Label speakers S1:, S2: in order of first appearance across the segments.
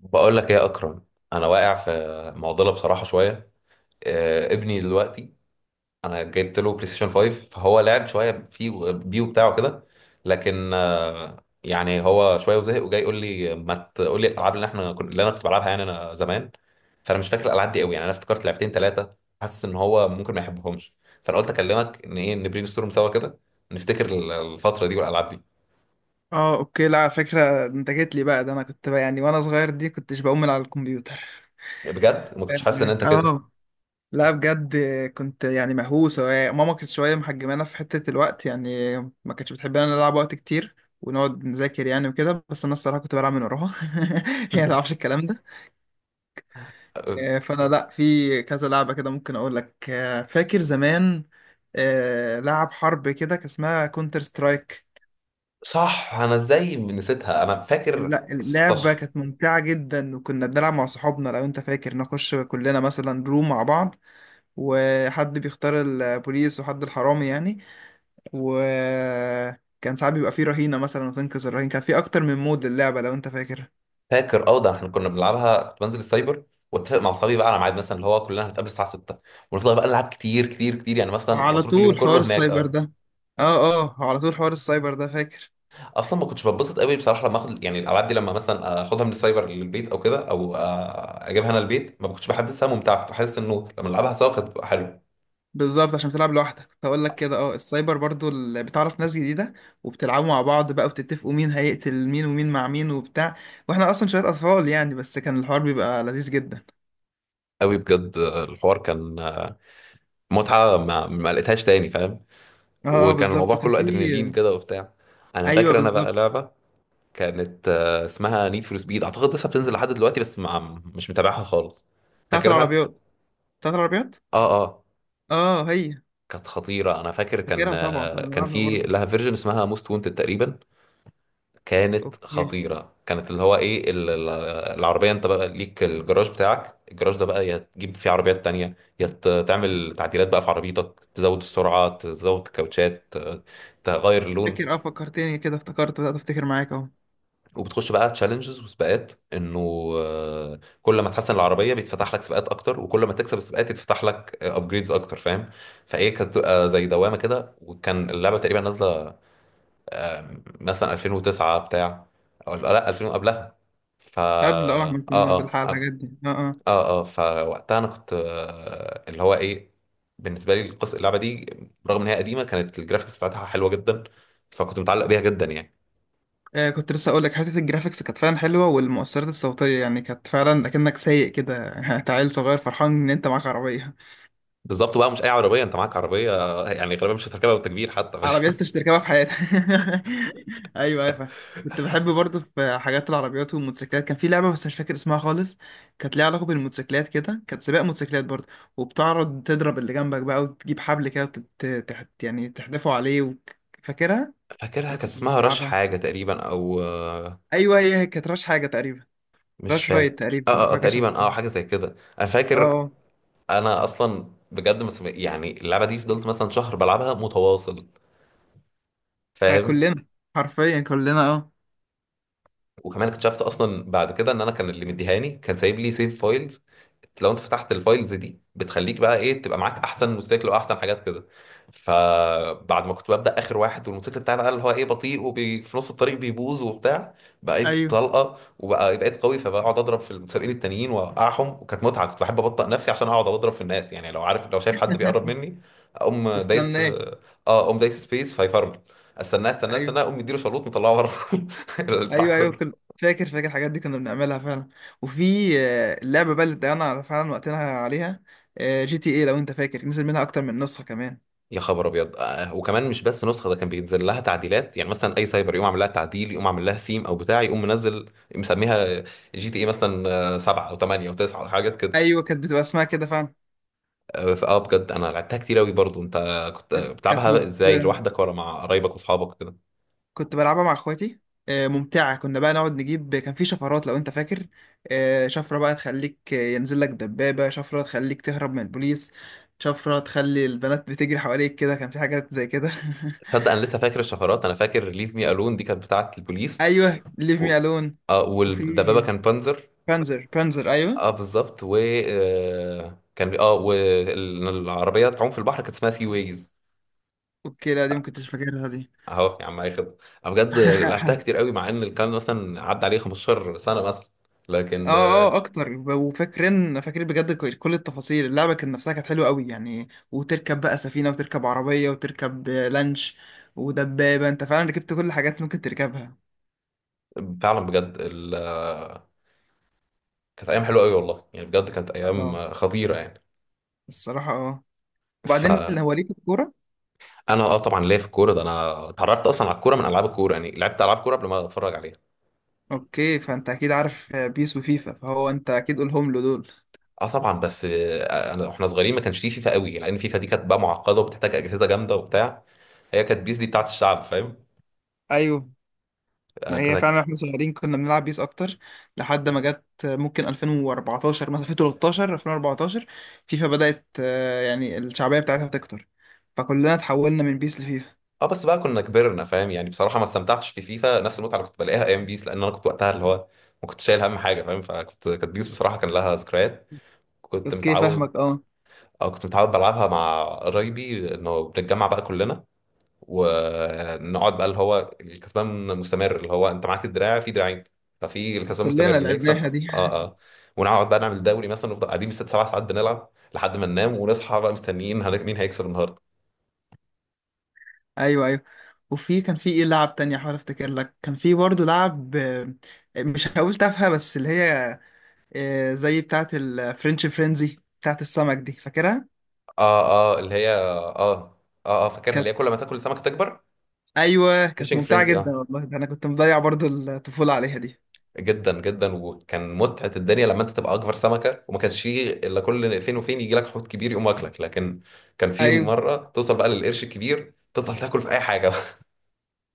S1: بقول لك ايه يا اكرم؟ انا واقع في معضله بصراحه شويه. ابني دلوقتي انا جبت له بلاي ستيشن 5 فهو لعب شويه فيه بيه بتاعه كده. لكن يعني هو شويه وزهق وجاي يقول لي ما تقول لي الالعاب اللي احنا اللي انا كنت بلعبها يعني انا زمان. فانا مش فاكر الالعاب دي قوي، يعني انا افتكرت لعبتين ثلاثه حاسس ان هو ممكن ما يحبهمش. فانا قلت اكلمك ان ايه نبرين ستورم سوا كده، نفتكر الفتره دي والالعاب دي.
S2: اه، اوكي. لا، على فكرة، انت جيت لي بقى ده، انا كنت بقى يعني وانا صغير دي كنتش بقوم من على الكمبيوتر
S1: بجد ما كنتش حاسس ان
S2: فاهم؟
S1: انت كده.
S2: اه، لا بجد، كنت يعني مهووس. ماما كانت شوية محجمانا في حتة الوقت يعني، ما كانتش بتحبنا نلعب وقت كتير ونقعد نذاكر يعني وكده، بس انا الصراحة كنت بلعب من وراها. هي ما تعرفش الكلام ده. فانا لا، في كذا لعبة كده ممكن اقول لك. فاكر زمان لعب حرب كده كان اسمها كونتر سترايك.
S1: صح انا ازاي نسيتها، انا فاكر
S2: لا، اللعبة
S1: 16.
S2: كانت ممتعة جدا، وكنا بنلعب مع صحابنا. لو انت فاكر، نخش كلنا مثلا روم مع بعض، وحد بيختار البوليس وحد الحرامي يعني. وكان ساعات بيبقى فيه رهينة مثلا وتنقذ الرهين، كان فيه أكتر من مود للعبة لو انت فاكر.
S1: فاكر اه، ده احنا كنا بنلعبها، كنت بنزل السايبر واتفق مع اصحابي بقى على ميعاد مثلا اللي هو كلنا هنتقابل الساعه 6، ونفضل بقى نلعب كتير كتير كتير يعني، مثلا
S2: على
S1: مصروف اليوم
S2: طول
S1: كله
S2: حوار
S1: هناك
S2: السايبر
S1: اه.
S2: ده. اه اه، على طول حوار السايبر ده، فاكر.
S1: اصلا ما كنتش بتبسط قوي بصراحه لما اخد يعني الالعاب دي، لما مثلا اخدها من السايبر للبيت او كده او اجيبها انا البيت ما كنتش بحسها ممتعه. كنت حاسس انه لما نلعبها سوا كانت بتبقى حلوه
S2: بالظبط، عشان بتلعب لوحدك كنت هقول لك كده. اه، السايبر برضو اللي بتعرف ناس جديده، وبتلعبوا مع بعض بقى وبتتفقوا مين هيقتل مين ومين مع مين وبتاع. واحنا اصلا شويه اطفال يعني، بس كان الحوار بيبقى لذيذ جدا.
S1: قوي بجد. الحوار كان متعه ما لقيتهاش تاني فاهم.
S2: اه
S1: وكان الموضوع
S2: بالظبط، كان
S1: كله
S2: في.
S1: ادرينالين كده وبتاع. انا
S2: ايوه
S1: فاكر انا بقى
S2: بالظبط.
S1: لعبه كانت اسمها نيد فور سبيد، اعتقد لسه بتنزل لحد دلوقتي بس مع، مش متابعها خالص.
S2: بتاعت
S1: فاكرها
S2: العربيات. بتاعت العربيات.
S1: اه اه.
S2: اه هي.
S1: كانت خطيره، انا فاكر كان
S2: فاكرها طبعا، كنا
S1: كان
S2: بنلعبها
S1: في
S2: برضه.
S1: لها فيرجن اسمها موست وونتد تقريبا. كانت
S2: اوكي،
S1: خطيره، كانت اللي هو ايه العربيه انت بقى ليك الجراج بتاعك، الجراج ده بقى يا تجيب فيه عربيات تانية، يا تعمل تعديلات بقى في عربيتك، تزود السرعه، تزود الكاوتشات، تغير اللون.
S2: فاكر اه، فكرتني كده، بدأت افتكر معاك اهو.
S1: وبتخش بقى تشالنجز وسباقات، انه كل ما تحسن العربيه بيتفتح لك سباقات اكتر، وكل ما تكسب السباقات يتفتح لك ابجريدز اكتر فاهم. فايه كانت بتبقى زي دوامه كده، وكان اللعبه تقريبا نازله مثلا 2009 بتاع، او لا 2000 قبلها. ف
S2: قبل، اه احنا كنا بنلحق الحاجات دي. اه اه.
S1: فوقتها انا كنت اللي هو ايه، بالنسبه لي القصه اللعبه دي رغم ان هي قديمه كانت الجرافيكس بتاعتها حلوه جدا، فكنت متعلق بيها جدا يعني.
S2: آه، كنت لسه اقول لك حته الجرافيكس كانت فعلا حلوه، والمؤثرات الصوتيه يعني كانت فعلا اكنك سايق كده. انت عيل صغير فرحان ان انت معاك عربيه.
S1: بالظبط بقى، مش اي عربيه، انت معاك عربيه يعني غالبا مش هتركبها بالتكبير حتى،
S2: عربيات
S1: فاهم؟
S2: انت مش تركبها في حياتك. ايوه، ايوه، فاهم. كنت بحب برضه في حاجات العربيات والموتوسيكلات. كان في لعبه بس مش فاكر اسمها خالص، كانت ليها علاقه بالموتوسيكلات كده، كانت سباق موتوسيكلات برضه. وبتعرض تضرب اللي جنبك بقى، وتجيب حبل كده، يعني تحدفه عليه و... فاكرها؟
S1: فاكرها،
S2: ولا
S1: كان
S2: كنت
S1: اسمها رش
S2: بتلعبها؟
S1: حاجه تقريبا او
S2: ايوه، هي كانت راش حاجه تقريبا.
S1: مش
S2: راش رايت
S1: فاكر
S2: تقريبا، او حاجه شبه
S1: تقريبا
S2: كده.
S1: اه حاجه زي كده انا فاكر.
S2: اه.
S1: انا اصلا بجد يعني اللعبه دي فضلت مثلا شهر بلعبها متواصل
S2: ها،
S1: فاهم.
S2: كلنا. حرفيا كلنا، اه.
S1: وكمان اكتشفت اصلا بعد كده ان انا كان اللي مديهاني كان سايب لي سيف فايلز. لو انت فتحت الفايلز دي بتخليك بقى ايه، تبقى معاك احسن موتوسيكل واحسن حاجات كده. فبعد ما كنت ببدا اخر واحد والموتوسيكل بتاعي بقى اللي هو ايه بطيء وفي نص الطريق بيبوظ وبتاع، بقيت
S2: ايوه.
S1: طلقه وبقى بقيت قوي، فبقعد اضرب في المتسابقين التانيين واوقعهم. وكانت متعه، كنت بحب ابطئ نفسي عشان اقعد اضرب في الناس يعني، لو عارف، لو شايف حد بيقرب مني اقوم
S2: تستنى
S1: دايس
S2: ايه؟
S1: اه. اقوم دايس سبيس فيفرمل، استناه استناه
S2: ايوه،
S1: استناه، اقوم مديله شلوط مطلعه بره. البتاع
S2: ايوه، ايوه،
S1: كله.
S2: فاكر الحاجات دي كنا بنعملها فعلا. وفي اللعبه بقى اللي ضيعنا فعلا وقتنا عليها، جي تي ايه. لو انت فاكر، نزل منها اكتر من نسخه كمان.
S1: يا خبر ابيض! وكمان مش بس نسخه، ده كان بينزل لها تعديلات، يعني مثلا اي سايبر يقوم عامل لها تعديل، يقوم عامل لها ثيم او بتاع، يقوم منزل مسميها جي تي اي مثلا 7 او 8 او 9 او حاجات كده.
S2: ايوه، كانت بتبقى اسمها كده فعلا.
S1: اه فآه بجد انا لعبتها كتير قوي. برضو انت كنت
S2: كانت كانت
S1: بتلعبها ازاي،
S2: ممتعه،
S1: لوحدك ولا مع قرايبك واصحابك كده؟
S2: كنت بلعبها مع اخواتي. ممتعة. كنا بقى نقعد نجيب، كان في شفرات لو انت فاكر. شفرة بقى تخليك، ينزل لك دبابة. شفرة تخليك تهرب من البوليس. شفرة تخلي البنات بتجري حواليك كده، كان في حاجات زي كده.
S1: تصدق انا لسه فاكر الشفرات، انا فاكر ليف مي الون دي كانت بتاعه البوليس،
S2: ايوه، ليف
S1: و...
S2: مي الون.
S1: اه
S2: وفي
S1: والدبابه كان بانزر.
S2: بانزر، بانزر، ايوه.
S1: اه بالظبط و اه والعربيه تعوم في البحر كانت اسمها سي ويز.
S2: اوكي لا، دي ممكن كنتش فاكرها دي.
S1: اهو يا عم، اي خدمه. انا بجد لعبتها كتير قوي، مع ان الكلام ده مثلا عدى عليه 15 سنه مثلا،
S2: اه
S1: لكن
S2: اه اكتر وفاكرين بجد كل التفاصيل. اللعبه كانت نفسها كانت حلوه قوي يعني، وتركب بقى سفينه، وتركب عربيه، وتركب لانش ودبابه. انت فعلا ركبت كل الحاجات ممكن تركبها.
S1: فعلا بجد كانت ايام حلوه قوي والله، يعني بجد كانت ايام
S2: اه
S1: خطيره يعني.
S2: الصراحه اه، وبعدين اللي
S1: فانا
S2: هو ليه في الكوره.
S1: اه طبعا ليا في الكوره ده، انا اتعرفت اصلا على الكوره من العاب الكوره يعني، لعبت العاب كوره قبل ما اتفرج عليها.
S2: اوكي، فانت اكيد عارف بيس وفيفا، فهو انت اكيد قولهم له دول.
S1: اه طبعا بس انا واحنا صغيرين ما كانش فيه فيفا قوي، لان فيفا دي كانت بقى معقده وبتحتاج اجهزه جامده وبتاع. هي كانت بيس دي بتاعت الشعب فاهم.
S2: ايوه
S1: آه،
S2: ما هي،
S1: كانت
S2: فعلا احنا صغيرين كنا بنلعب بيس اكتر، لحد ما جت ممكن 2014، مثلا 2013، 2014 فيفا بدأت يعني الشعبية بتاعتها تكتر، فكلنا اتحولنا من بيس لفيفا.
S1: اه بس بقى كنا كبرنا فاهم، يعني بصراحه ما استمتعتش في فيفا نفس المتعه اللي كنت بلاقيها ايام بيس، لان انا كنت وقتها اللي هو ما كنت شايل هم حاجه فاهم. فكنت، كانت بيس بصراحه كان لها ذكريات. كنت
S2: اوكي
S1: متعود،
S2: فاهمك اه.
S1: او كنت متعود بلعبها مع قرايبي، انه بنتجمع بقى كلنا ونقعد بقى اللي هو الكسبان مستمر، اللي هو انت معاك الدراع في دراعين، ففي الكسبان مستمر
S2: كلنا
S1: اللي يكسب
S2: لعبناها دي.
S1: اه. اه ونقعد بقى نعمل دوري مثلا، نفضل قاعدين بالست سبع ساعات بنلعب لحد ما ننام، ونصحى بقى مستنيين مين هيكسب النهارده.
S2: ايوه ايوه. وفي كان في ايه لعب تانية، حاول افتكر لك. كان في برضه لعب، مش هقول تافهة، بس اللي هي زي بتاعة الفرنش فرينزي بتاعة السمك دي، فاكرها؟
S1: اه اللي هي اه فاكرها، اللي هي
S2: كانت،
S1: كل ما تاكل سمكه تكبر.
S2: ايوه كانت
S1: فيشنج
S2: ممتعة
S1: فرينزي
S2: جدا
S1: اه.
S2: والله، ده انا كنت مضيع برضه الطفولة عليها دي.
S1: جدا جدا، وكان متعه الدنيا لما انت تبقى اكبر سمكه، وما كانش فيه الا كل فين وفين يجي لك حوت كبير يقوم واكلك، لكن كان في
S2: ايوه.
S1: مره توصل بقى للقرش الكبير تفضل تاكل في اي حاجه.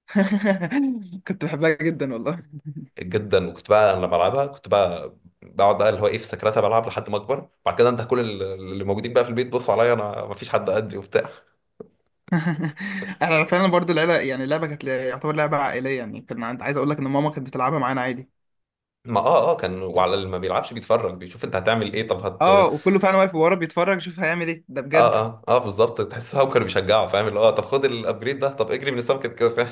S2: كنت بحبها جدا والله.
S1: جدا. وكنت بقى انا لما بلعبها كنت بقى بقعد بقى اللي هو ايه في سكرتها بلعب لحد ما اكبر، بعد كده انت اللي موجودين بقى في البيت بصوا عليا، انا ما فيش حد قدي وبتاع.
S2: انا فعلا برضو العيله يعني، اللعبه كانت يعتبر لعبه عائليه يعني. كان عند عايز اقول لك ان ماما كانت بتلعبها معانا عادي.
S1: ما كان، وعلى اللي ما بيلعبش بيتفرج بيشوف انت هتعمل ايه، طب
S2: اه،
S1: هت.
S2: وكله فعلا واقف ورا بيتفرج، شوف هيعمل ايه ده بجد.
S1: اه بالظبط، تحس هو كانوا بيشجعوا فاهم اللي هو طب خد الابجريد ده، طب اجري من السمكه كده فاهم.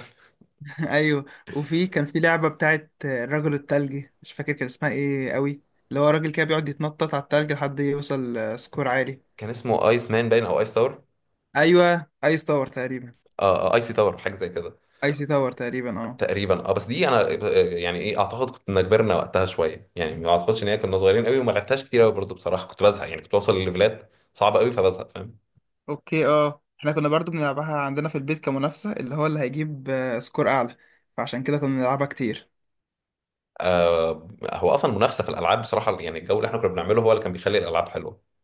S2: ايوه. وفي كان في لعبه بتاعت الرجل الثلجي، مش فاكر كان اسمها ايه قوي، اللي هو راجل كده بيقعد يتنطط على الثلج لحد يوصل سكور عالي.
S1: كان اسمه ايس مان باين او ايس تاور.
S2: ايوه ايس تاور تقريبا.
S1: اه ايسي تاور حاجه زي كده
S2: ايسي تاور تقريبا، اه.
S1: تقريبا اه. بس دي انا يعني ايه اعتقد كنا كبرنا وقتها شويه يعني، ما اعتقدش ان هي كنا صغيرين قوي وما لعبتهاش كتير قوي برضه بصراحه. كنت بزهق يعني، كنت بوصل لليفلات صعبه قوي فبزهق فاهم.
S2: اوكي اه، احنا كنا برضو بنلعبها عندنا في البيت كمنافسة اللي هو اللي هيجيب سكور اعلى، فعشان كده كنا بنلعبها كتير.
S1: آه، هو اصلا منافسه في الالعاب بصراحه، يعني الجو اللي احنا كنا بنعمله هو اللي كان بيخلي الالعاب حلوه.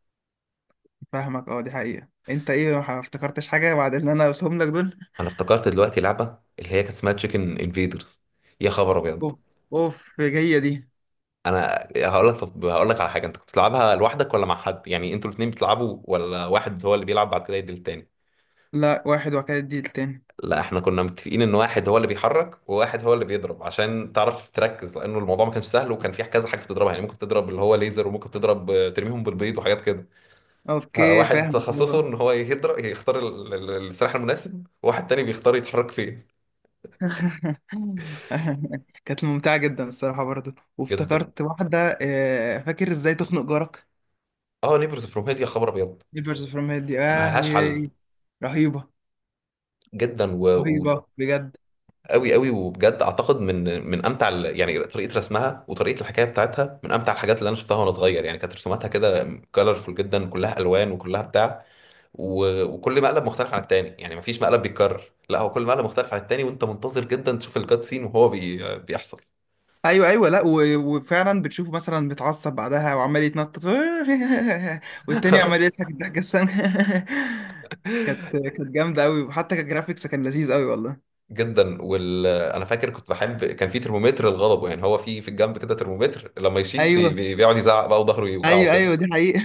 S2: فاهمك اه، دي حقيقة. انت ايه ما افتكرتش حاجة بعد اللي انا قلتهم لك دول؟
S1: انا افتكرت دلوقتي لعبه اللي هي كانت اسمها تشيكن انفيدرز. يا خبر ابيض!
S2: اوف. اوف جاية دي.
S1: انا هقول لك، طب هقول لك على حاجه، انت كنت بتلعبها لوحدك ولا مع حد؟ يعني انتوا الاثنين بتلعبوا ولا واحد هو اللي بيلعب بعد كده يدي التاني؟
S2: لا واحد وكالة دي التاني.
S1: لا احنا كنا متفقين ان واحد هو اللي بيحرك وواحد هو اللي بيضرب، عشان تعرف تركز، لانه الموضوع ما كانش سهل. وكان في كذا حاجه بتضربها، يعني ممكن تضرب اللي هو ليزر، وممكن تضرب ترميهم بالبيض وحاجات كده.
S2: اوكي
S1: فواحد
S2: فاهمك
S1: تخصصه ان
S2: اه.
S1: هو يضرب يختار السلاح المناسب، وواحد تاني بيختار يتحرك فين.
S2: كانت ممتعة جدا الصراحة برضو.
S1: جدا
S2: وافتكرت واحدة، فاكر ازاي تخنق جارك؟
S1: اه. نيبرز فروم هيل، يا خبر ابيض،
S2: نيبرز فروم هيد دي،
S1: ما
S2: اه
S1: لهاش حل.
S2: رهيبة.
S1: جدا و...
S2: رهيبة بجد.
S1: قوي قوي. وبجد اعتقد من امتع يعني طريقه رسمها وطريقه الحكايه بتاعتها، من امتع الحاجات اللي انا شفتها وانا صغير يعني. كانت رسوماتها كده كلرفول جدا، كلها الوان وكلها بتاع. وكل مقلب مختلف عن التاني، يعني مفيش مقلب بيتكرر، لا هو كل مقلب مختلف عن التاني، وانت منتظر جدا تشوف الكات سين وهو بيحصل.
S2: ايوه ايوه، لا وفعلا بتشوفه مثلا متعصب بعدها وعمال يتنطط. والتاني عمال يضحك الضحكه السامه. كانت جامده قوي، وحتى كجرافيكس كان لذيذ قوي والله.
S1: جدا. انا فاكر كنت بحب كان في ترمومتر للغضب، يعني هو في الجنب كده ترمومتر لما يشيط
S2: ايوه
S1: بيقعد يزعق بقى وظهره يوجعه
S2: ايوه ايوه،
S1: كده،
S2: دي حقيقه.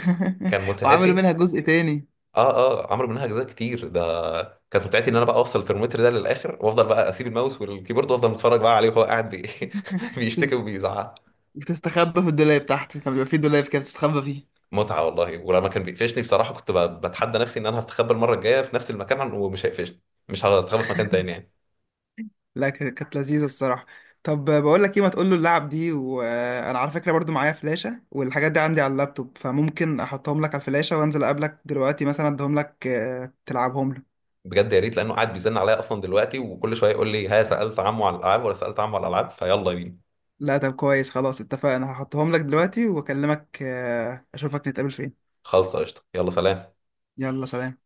S1: كان
S2: وعملوا
S1: متعتي.
S2: منها جزء تاني.
S1: اه اه عمرو منها اجزاء كتير ده. كانت متعتي ان انا بقى اوصل الترمومتر ده للاخر، وافضل بقى اسيب الماوس والكيبورد وافضل متفرج بقى عليه وهو قاعد
S2: بتس-
S1: بيشتكي وبيزعق.
S2: بتستخبى في الدولاب تحت، كان بيبقى فيه دولاب كده بتستخبى.
S1: متعه والله. ولما كان بيقفشني بصراحه كنت بتحدى نفسي ان انا هستخبى المره الجايه في نفس المكان ومش هيقفشني، مش هستخبى في مكان تاني يعني.
S2: لا كانت لذيذة الصراحة. طب، بقول لك ايه، ما تقول له اللعب دي، وانا على فكرة برضو معايا فلاشة والحاجات دي عندي على اللابتوب، فممكن احطهم لك على الفلاشة وانزل اقابلك دلوقتي مثلا، اديهم لك تلعبهم له.
S1: بجد يا ريت، لانه قاعد بيزن عليا اصلا دلوقتي، وكل شويه يقول لي ها سالت عمو على الالعاب ولا سالت عمو على الالعاب، فيلا بينا.
S2: لا طب كويس، خلاص اتفقنا، هحطهم لك دلوقتي واكلمك، اشوفك نتقابل فين.
S1: خالصه، قشطه، يلا سلام.
S2: يلا سلام.